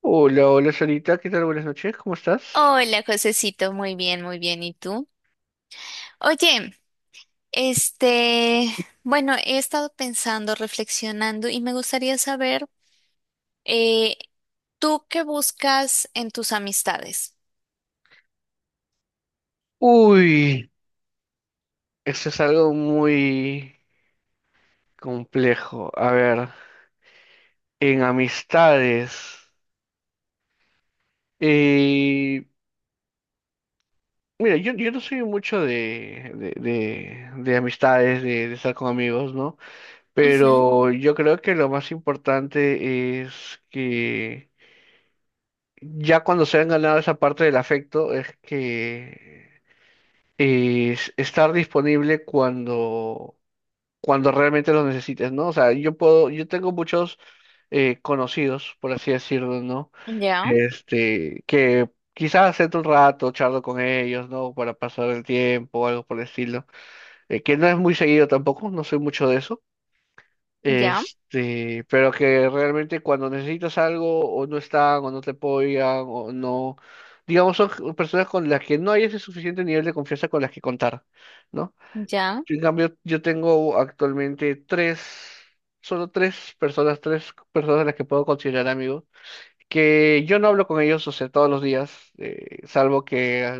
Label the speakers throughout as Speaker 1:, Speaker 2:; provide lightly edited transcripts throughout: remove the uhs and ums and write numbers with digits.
Speaker 1: Hola, hola, Solita, ¿qué tal? Buenas noches, ¿cómo estás?
Speaker 2: Hola, Josecito, muy bien, muy bien. ¿Y tú? Oye, este, bueno, he estado pensando, reflexionando y me gustaría saber, eh, ¿tú qué buscas en tus amistades?
Speaker 1: Uy, eso es algo muy complejo. A ver, en amistades. eh, Mira, yo no soy mucho de amistades, de estar con amigos, ¿no?
Speaker 2: Ujú.
Speaker 1: Pero yo creo que lo más importante es que ya cuando se han ganado esa parte del afecto, es que es estar disponible cuando realmente los necesites, ¿no? O sea, yo puedo, yo tengo muchos conocidos, por así decirlo, ¿no?
Speaker 2: Ya,
Speaker 1: Este, que quizás siento un rato, charlo con ellos, ¿no? Para pasar el tiempo o algo por el estilo, que no es muy seguido tampoco, no soy mucho de eso.
Speaker 2: ya,
Speaker 1: Este, pero que realmente cuando necesitas algo o no están o no te apoyan o no, digamos, son personas con las que no hay ese suficiente nivel de confianza con las que contar, ¿no?
Speaker 2: ya,
Speaker 1: En cambio, yo tengo actualmente tres, solo tres personas a las que puedo considerar amigos, que yo no hablo con ellos, o sea, todos los días, salvo que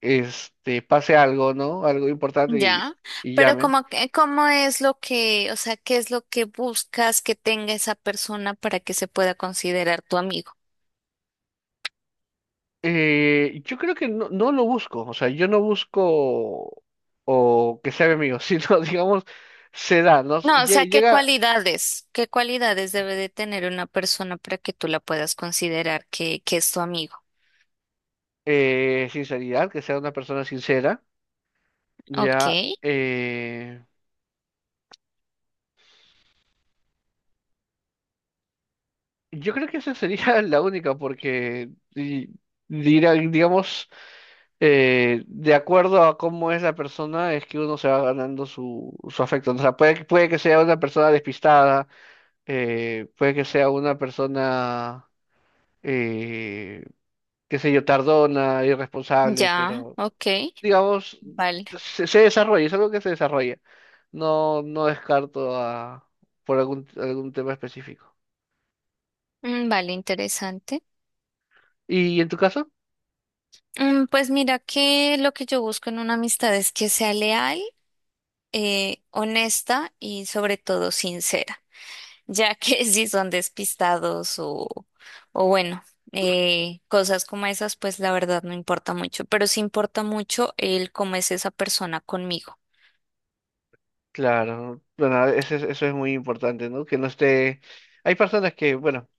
Speaker 1: este, pase algo, ¿no? Algo importante
Speaker 2: ya.
Speaker 1: y
Speaker 2: Pero
Speaker 1: llamen.
Speaker 2: ¿cómo es lo que, o sea, qué es lo que buscas que tenga esa persona para que se pueda considerar tu amigo?
Speaker 1: Yo creo que no, no lo busco, o sea, yo no busco o que sea mi amigo, sino, digamos, se da, ¿no?
Speaker 2: No, o sea,
Speaker 1: Llega
Speaker 2: qué cualidades debe de tener una persona para que tú la puedas considerar que es tu amigo?
Speaker 1: sinceridad, que sea una persona sincera,
Speaker 2: Ok,
Speaker 1: ya. Yo creo que esa sería la única, porque digamos, de acuerdo a cómo es la persona, es que uno se va ganando su, su afecto. ¿No? O sea, puede, puede que sea una persona despistada, puede que sea una persona, eh, qué sé yo, tardona, irresponsable,
Speaker 2: ya,
Speaker 1: pero
Speaker 2: ok,
Speaker 1: digamos,
Speaker 2: vale.
Speaker 1: se desarrolla, es algo que se desarrolla. No, no descarto a, por algún, algún tema específico.
Speaker 2: Mm, vale, interesante.
Speaker 1: ¿Y en tu caso?
Speaker 2: Mm, pues mira que lo que yo busco en una amistad es que sea leal, honesta y sobre todo sincera, ya que si son despistados o bueno, cosas como esas, pues la verdad no importa mucho, pero sí importa mucho el cómo es esa persona conmigo.
Speaker 1: Claro, bueno, eso es muy importante, ¿no? Que no esté. Hay personas que, bueno,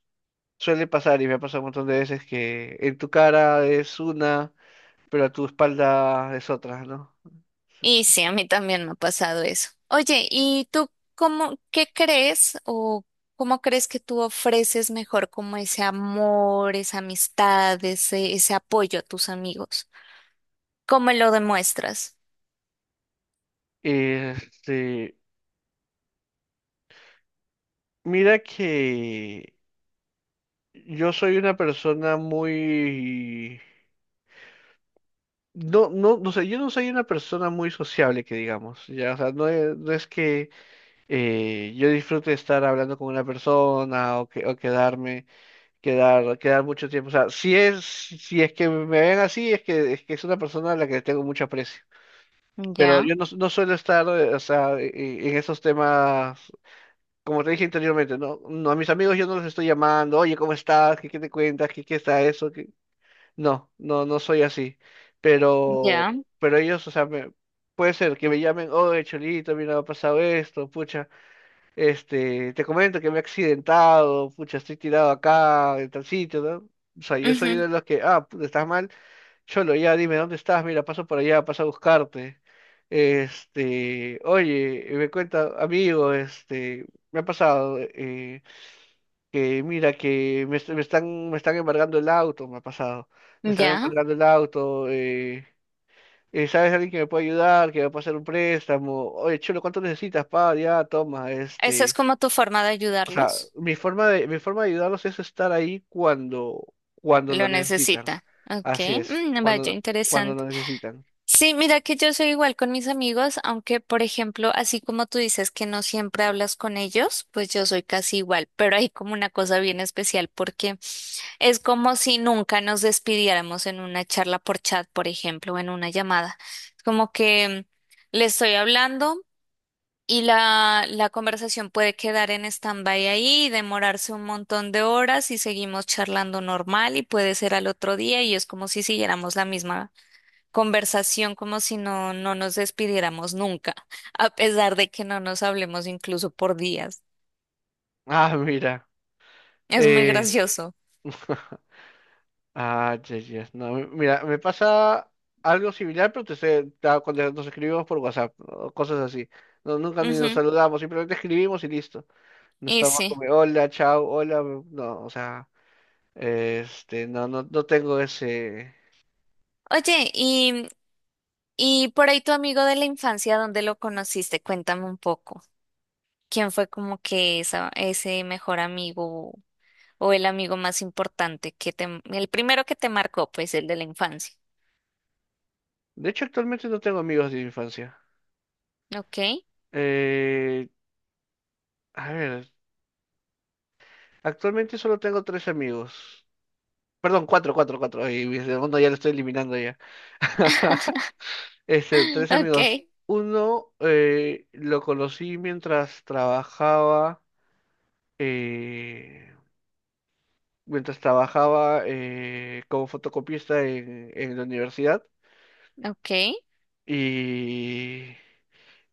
Speaker 1: suele pasar y me ha pasado un montón de veces que en tu cara es una, pero a tu espalda es otra, ¿no?
Speaker 2: Y sí, a mí también me ha pasado eso. Oye, ¿y tú cómo, qué crees o cómo crees que tú ofreces mejor como ese amor, esa amistad, ese apoyo a tus amigos? ¿Cómo lo demuestras?
Speaker 1: Este, mira que yo soy una persona muy. No, no, no sé, yo no soy una persona muy sociable, que digamos, ya, o sea, no es, no es que yo disfrute estar hablando con una persona o, que, o quedarme. Quedar mucho tiempo. O sea, si es, si es que me ven así, es que, es que es una persona a la que le tengo mucho aprecio. Pero
Speaker 2: Ya,
Speaker 1: yo no, no suelo estar, o sea, en esos temas, como te dije anteriormente, ¿no? No, a mis amigos yo no los estoy llamando, oye, ¿cómo estás? ¿Qué, qué te cuentas? ¿Qué, qué está eso? ¿Qué-". No, no, no soy así. Pero,
Speaker 2: ya,
Speaker 1: pero ellos, o sea, puede ser que me llamen, oye, Cholito, mira, ha pasado esto, pucha. Este, te comento que me he accidentado, pucha, estoy tirado acá, en tal sitio, ¿no? O sea, yo soy
Speaker 2: ujú,
Speaker 1: de los que, ah, puta, estás mal, cholo, ya dime dónde estás, mira, paso por allá, paso a buscarte. Este, oye, y me cuenta, amigo, este, me ha pasado, que mira, me están embargando el auto, me ha pasado, me están
Speaker 2: ya.
Speaker 1: embargando el auto, ¿sabes alguien que me puede ayudar, que me puede hacer un préstamo? Oye, cholo, ¿cuánto necesitas, pa? Ya, toma,
Speaker 2: ¿Esa es
Speaker 1: este.
Speaker 2: como tu forma de
Speaker 1: O sea,
Speaker 2: ayudarlos?
Speaker 1: mi forma de ayudarlos es estar ahí cuando, cuando lo
Speaker 2: Lo
Speaker 1: necesitan.
Speaker 2: necesita. Ok,
Speaker 1: Así es,
Speaker 2: mm, vaya,
Speaker 1: cuando, cuando lo
Speaker 2: interesante.
Speaker 1: necesitan.
Speaker 2: Sí, mira que yo soy igual con mis amigos, aunque por ejemplo, así como tú dices que no siempre hablas con ellos, pues yo soy casi igual, pero hay como una cosa bien especial porque es como si nunca nos despidiéramos en una charla por chat, por ejemplo, o en una llamada. Es como que le estoy hablando y la conversación puede quedar en stand-by ahí, demorarse un montón de horas y seguimos charlando normal y puede ser al otro día y es como si siguiéramos la misma conversación como si no nos despidiéramos nunca, a pesar de que no nos hablemos incluso por días.
Speaker 1: Ah, mira.
Speaker 2: Es muy
Speaker 1: Eh,
Speaker 2: gracioso.
Speaker 1: ah, yes, yes, no, mira, me pasa algo similar, pero cuando nos escribimos por WhatsApp, o cosas así. No, nunca ni nos
Speaker 2: Ujú.
Speaker 1: saludamos, simplemente escribimos y listo. No
Speaker 2: Y
Speaker 1: estamos
Speaker 2: sí.
Speaker 1: como, hola, chao, hola. No, o sea, este, no, no, no tengo ese.
Speaker 2: Oye, y por ahí tu amigo de la infancia, ¿dónde lo conociste? Cuéntame un poco. ¿Quién fue como que ese mejor amigo o el amigo más importante que te, el primero que te marcó, pues el de la infancia?
Speaker 1: De hecho, actualmente no tengo amigos de infancia.
Speaker 2: Ok.
Speaker 1: Eh, A ver, actualmente solo tengo tres amigos. Perdón, cuatro, cuatro, cuatro. Y mi segundo ya lo estoy eliminando ya. Este, tres amigos.
Speaker 2: Ok,
Speaker 1: Uno lo conocí eh, mientras trabajaba como fotocopista en la universidad.
Speaker 2: ok,
Speaker 1: Y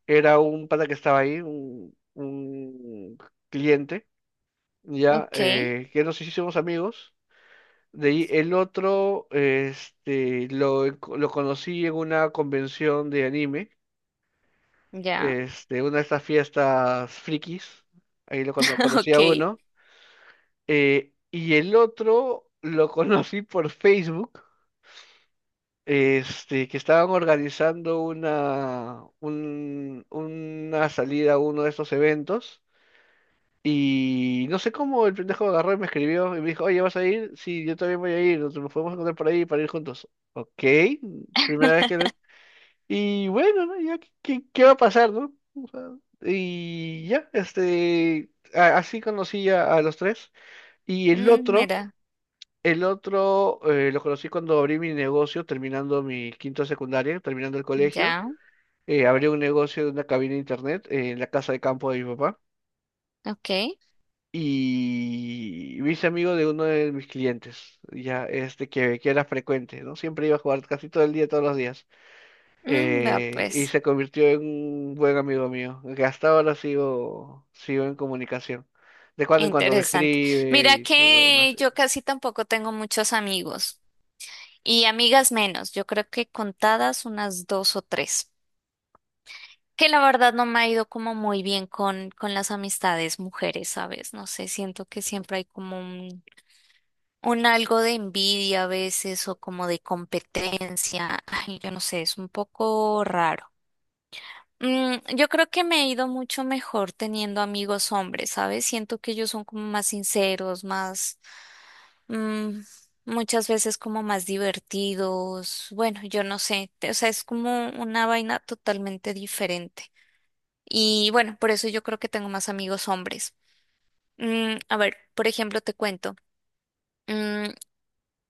Speaker 1: era un pata que estaba ahí, un cliente, ya,
Speaker 2: ok,
Speaker 1: que nos hicimos amigos. De ahí el otro, este, lo conocí en una convención de anime,
Speaker 2: ya,
Speaker 1: este, una de estas fiestas frikis, ahí conocí
Speaker 2: ok.
Speaker 1: a uno, y el otro lo conocí por Facebook, este, que estaban organizando una, una salida a uno de estos eventos. Y no sé cómo el pendejo agarró y me escribió y me dijo, oye, ¿vas a ir? Sí, yo también voy a ir, nos podemos encontrar por ahí para ir juntos. Ok, primera vez que lo. Y bueno, ¿no? Ya, ¿qué, qué va a pasar, no? O sea, y ya, este, así conocí a los tres. Y
Speaker 2: Mm, mira,
Speaker 1: el otro lo conocí cuando abrí mi negocio, terminando mi quinto de secundaria, terminando el colegio.
Speaker 2: ya.
Speaker 1: Abrí un negocio de una cabina de internet en la casa de campo de mi papá.
Speaker 2: Ok.
Speaker 1: Y me hice amigo de uno de mis clientes, ya este que era frecuente, ¿no? Siempre iba a jugar casi todo el día, todos los días.
Speaker 2: Mm, vea
Speaker 1: Y
Speaker 2: pues,
Speaker 1: se convirtió en un buen amigo mío, que hasta ahora sigo, sigo en comunicación. De cuando en cuando me
Speaker 2: interesante.
Speaker 1: escribe
Speaker 2: Mira
Speaker 1: y todo lo
Speaker 2: que
Speaker 1: demás.
Speaker 2: yo casi tampoco tengo muchos amigos y amigas menos, yo creo que contadas unas 2 o 3, que la verdad no me ha ido como muy bien con las amistades mujeres, ¿sabes? No sé, siento que siempre hay como un algo de envidia a veces o como de competencia, ay, yo no sé, es un poco raro. Mm, yo creo que me he ido mucho mejor teniendo amigos hombres, ¿sabes? Siento que ellos son como más sinceros, mm, muchas veces como más divertidos. Bueno, yo no sé, o sea, es como una vaina totalmente diferente. Y bueno, por eso yo creo que tengo más amigos hombres. Mm, a ver, por ejemplo, te cuento. Mm,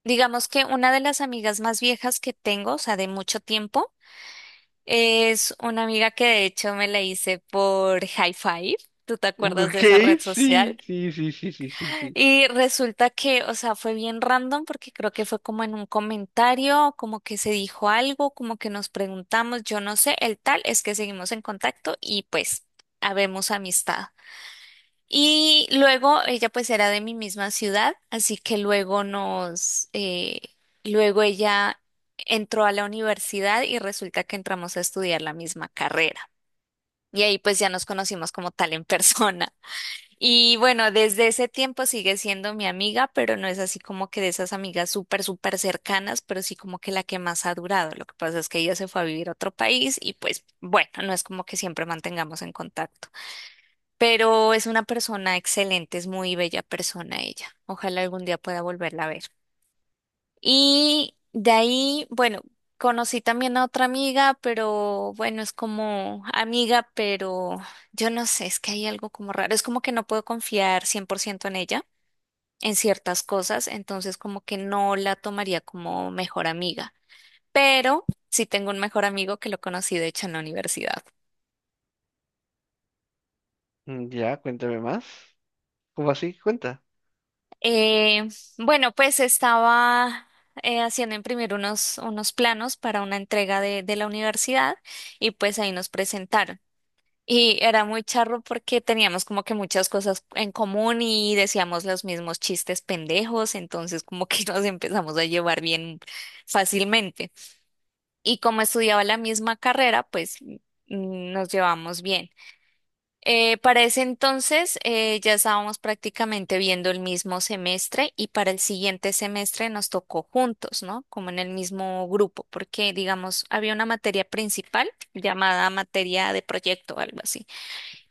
Speaker 2: digamos que una de las amigas más viejas que tengo, o sea, de mucho tiempo, es una amiga que de hecho me la hice por hi5. ¿Tú te acuerdas
Speaker 1: Ok,
Speaker 2: de esa red
Speaker 1: sí,
Speaker 2: social?
Speaker 1: sí, sí, sí, sí, sí, sí.
Speaker 2: Y resulta que, o sea, fue bien random porque creo que fue como en un comentario, como que se dijo algo, como que nos preguntamos, yo no sé, el tal es que seguimos en contacto y pues habemos amistad. Y luego ella pues era de mi misma ciudad, así que luego nos, luego ella entró a la universidad y resulta que entramos a estudiar la misma carrera. Y ahí pues ya nos conocimos como tal en persona. Y bueno, desde ese tiempo sigue siendo mi amiga, pero no es así como que de esas amigas súper, súper cercanas, pero sí como que la que más ha durado. Lo que pasa es que ella se fue a vivir a otro país y pues bueno, no es como que siempre mantengamos en contacto. Pero es una persona excelente, es muy bella persona ella. Ojalá algún día pueda volverla a ver. Y de ahí, bueno, conocí también a otra amiga, pero bueno, es como amiga, pero yo no sé, es que hay algo como raro, es como que no puedo confiar 100% en ella, en ciertas cosas, entonces como que no la tomaría como mejor amiga, pero sí tengo un mejor amigo que lo conocí de hecho en la universidad.
Speaker 1: Mm, ya, cuéntame más. ¿Cómo así? Cuenta.
Speaker 2: Eh, bueno, pues estaba... haciendo imprimir unos planos para una entrega de la universidad y pues ahí nos presentaron. Y era muy charro porque teníamos como que muchas cosas en común y decíamos los mismos chistes pendejos, entonces como que nos empezamos a llevar bien fácilmente. Y como estudiaba la misma carrera, pues nos llevamos bien. Para ese entonces ya estábamos prácticamente viendo el mismo semestre y para el siguiente semestre nos tocó juntos, ¿no? Como en el mismo grupo, porque digamos, había una materia principal llamada materia de proyecto, algo así.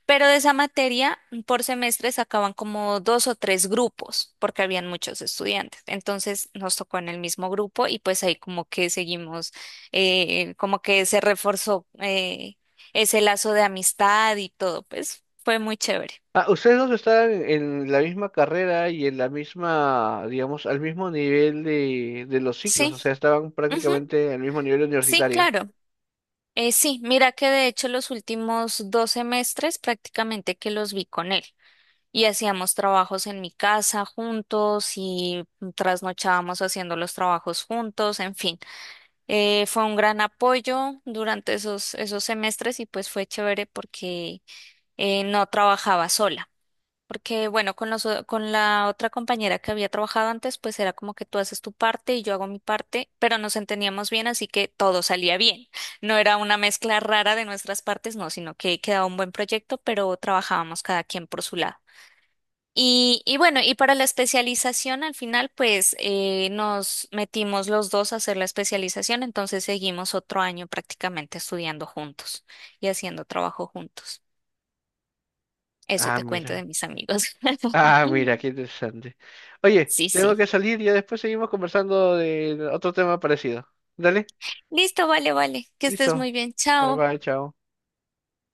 Speaker 2: Pero de esa materia, por semestre sacaban como 2 o 3 grupos, porque habían muchos estudiantes. Entonces nos tocó en el mismo grupo y pues ahí como que seguimos, como que se reforzó ese lazo de amistad y todo, pues fue muy chévere.
Speaker 1: Ah, ustedes dos están en la misma carrera y en la misma, digamos, al mismo nivel de los ciclos,
Speaker 2: Sí,
Speaker 1: o sea, estaban
Speaker 2: ujú,
Speaker 1: prácticamente al mismo nivel
Speaker 2: sí,
Speaker 1: universitario.
Speaker 2: claro. Sí, mira que de hecho los últimos 2 semestres prácticamente que los vi con él. Y hacíamos trabajos en mi casa juntos y trasnochábamos haciendo los trabajos juntos, en fin. Fue un gran apoyo durante esos semestres y pues fue chévere porque no trabajaba sola. Porque bueno, con con la otra compañera que había trabajado antes, pues era como que tú haces tu parte y yo hago mi parte, pero nos entendíamos bien, así que todo salía bien. No era una mezcla rara de nuestras partes, no, sino que quedaba un buen proyecto, pero trabajábamos cada quien por su lado. Y bueno, y para la especialización al final, pues nos metimos los dos a hacer la especialización, entonces seguimos otro año prácticamente estudiando juntos y haciendo trabajo juntos. Eso
Speaker 1: Ah,
Speaker 2: te cuento
Speaker 1: mira.
Speaker 2: de mis amigos.
Speaker 1: Ah, mira, qué interesante. Oye,
Speaker 2: Sí,
Speaker 1: tengo
Speaker 2: sí.
Speaker 1: que salir y ya después seguimos conversando de otro tema parecido. Dale,
Speaker 2: Listo, vale, vale. Que estés
Speaker 1: listo.
Speaker 2: muy bien.
Speaker 1: Bye
Speaker 2: Chao.
Speaker 1: bye, chao.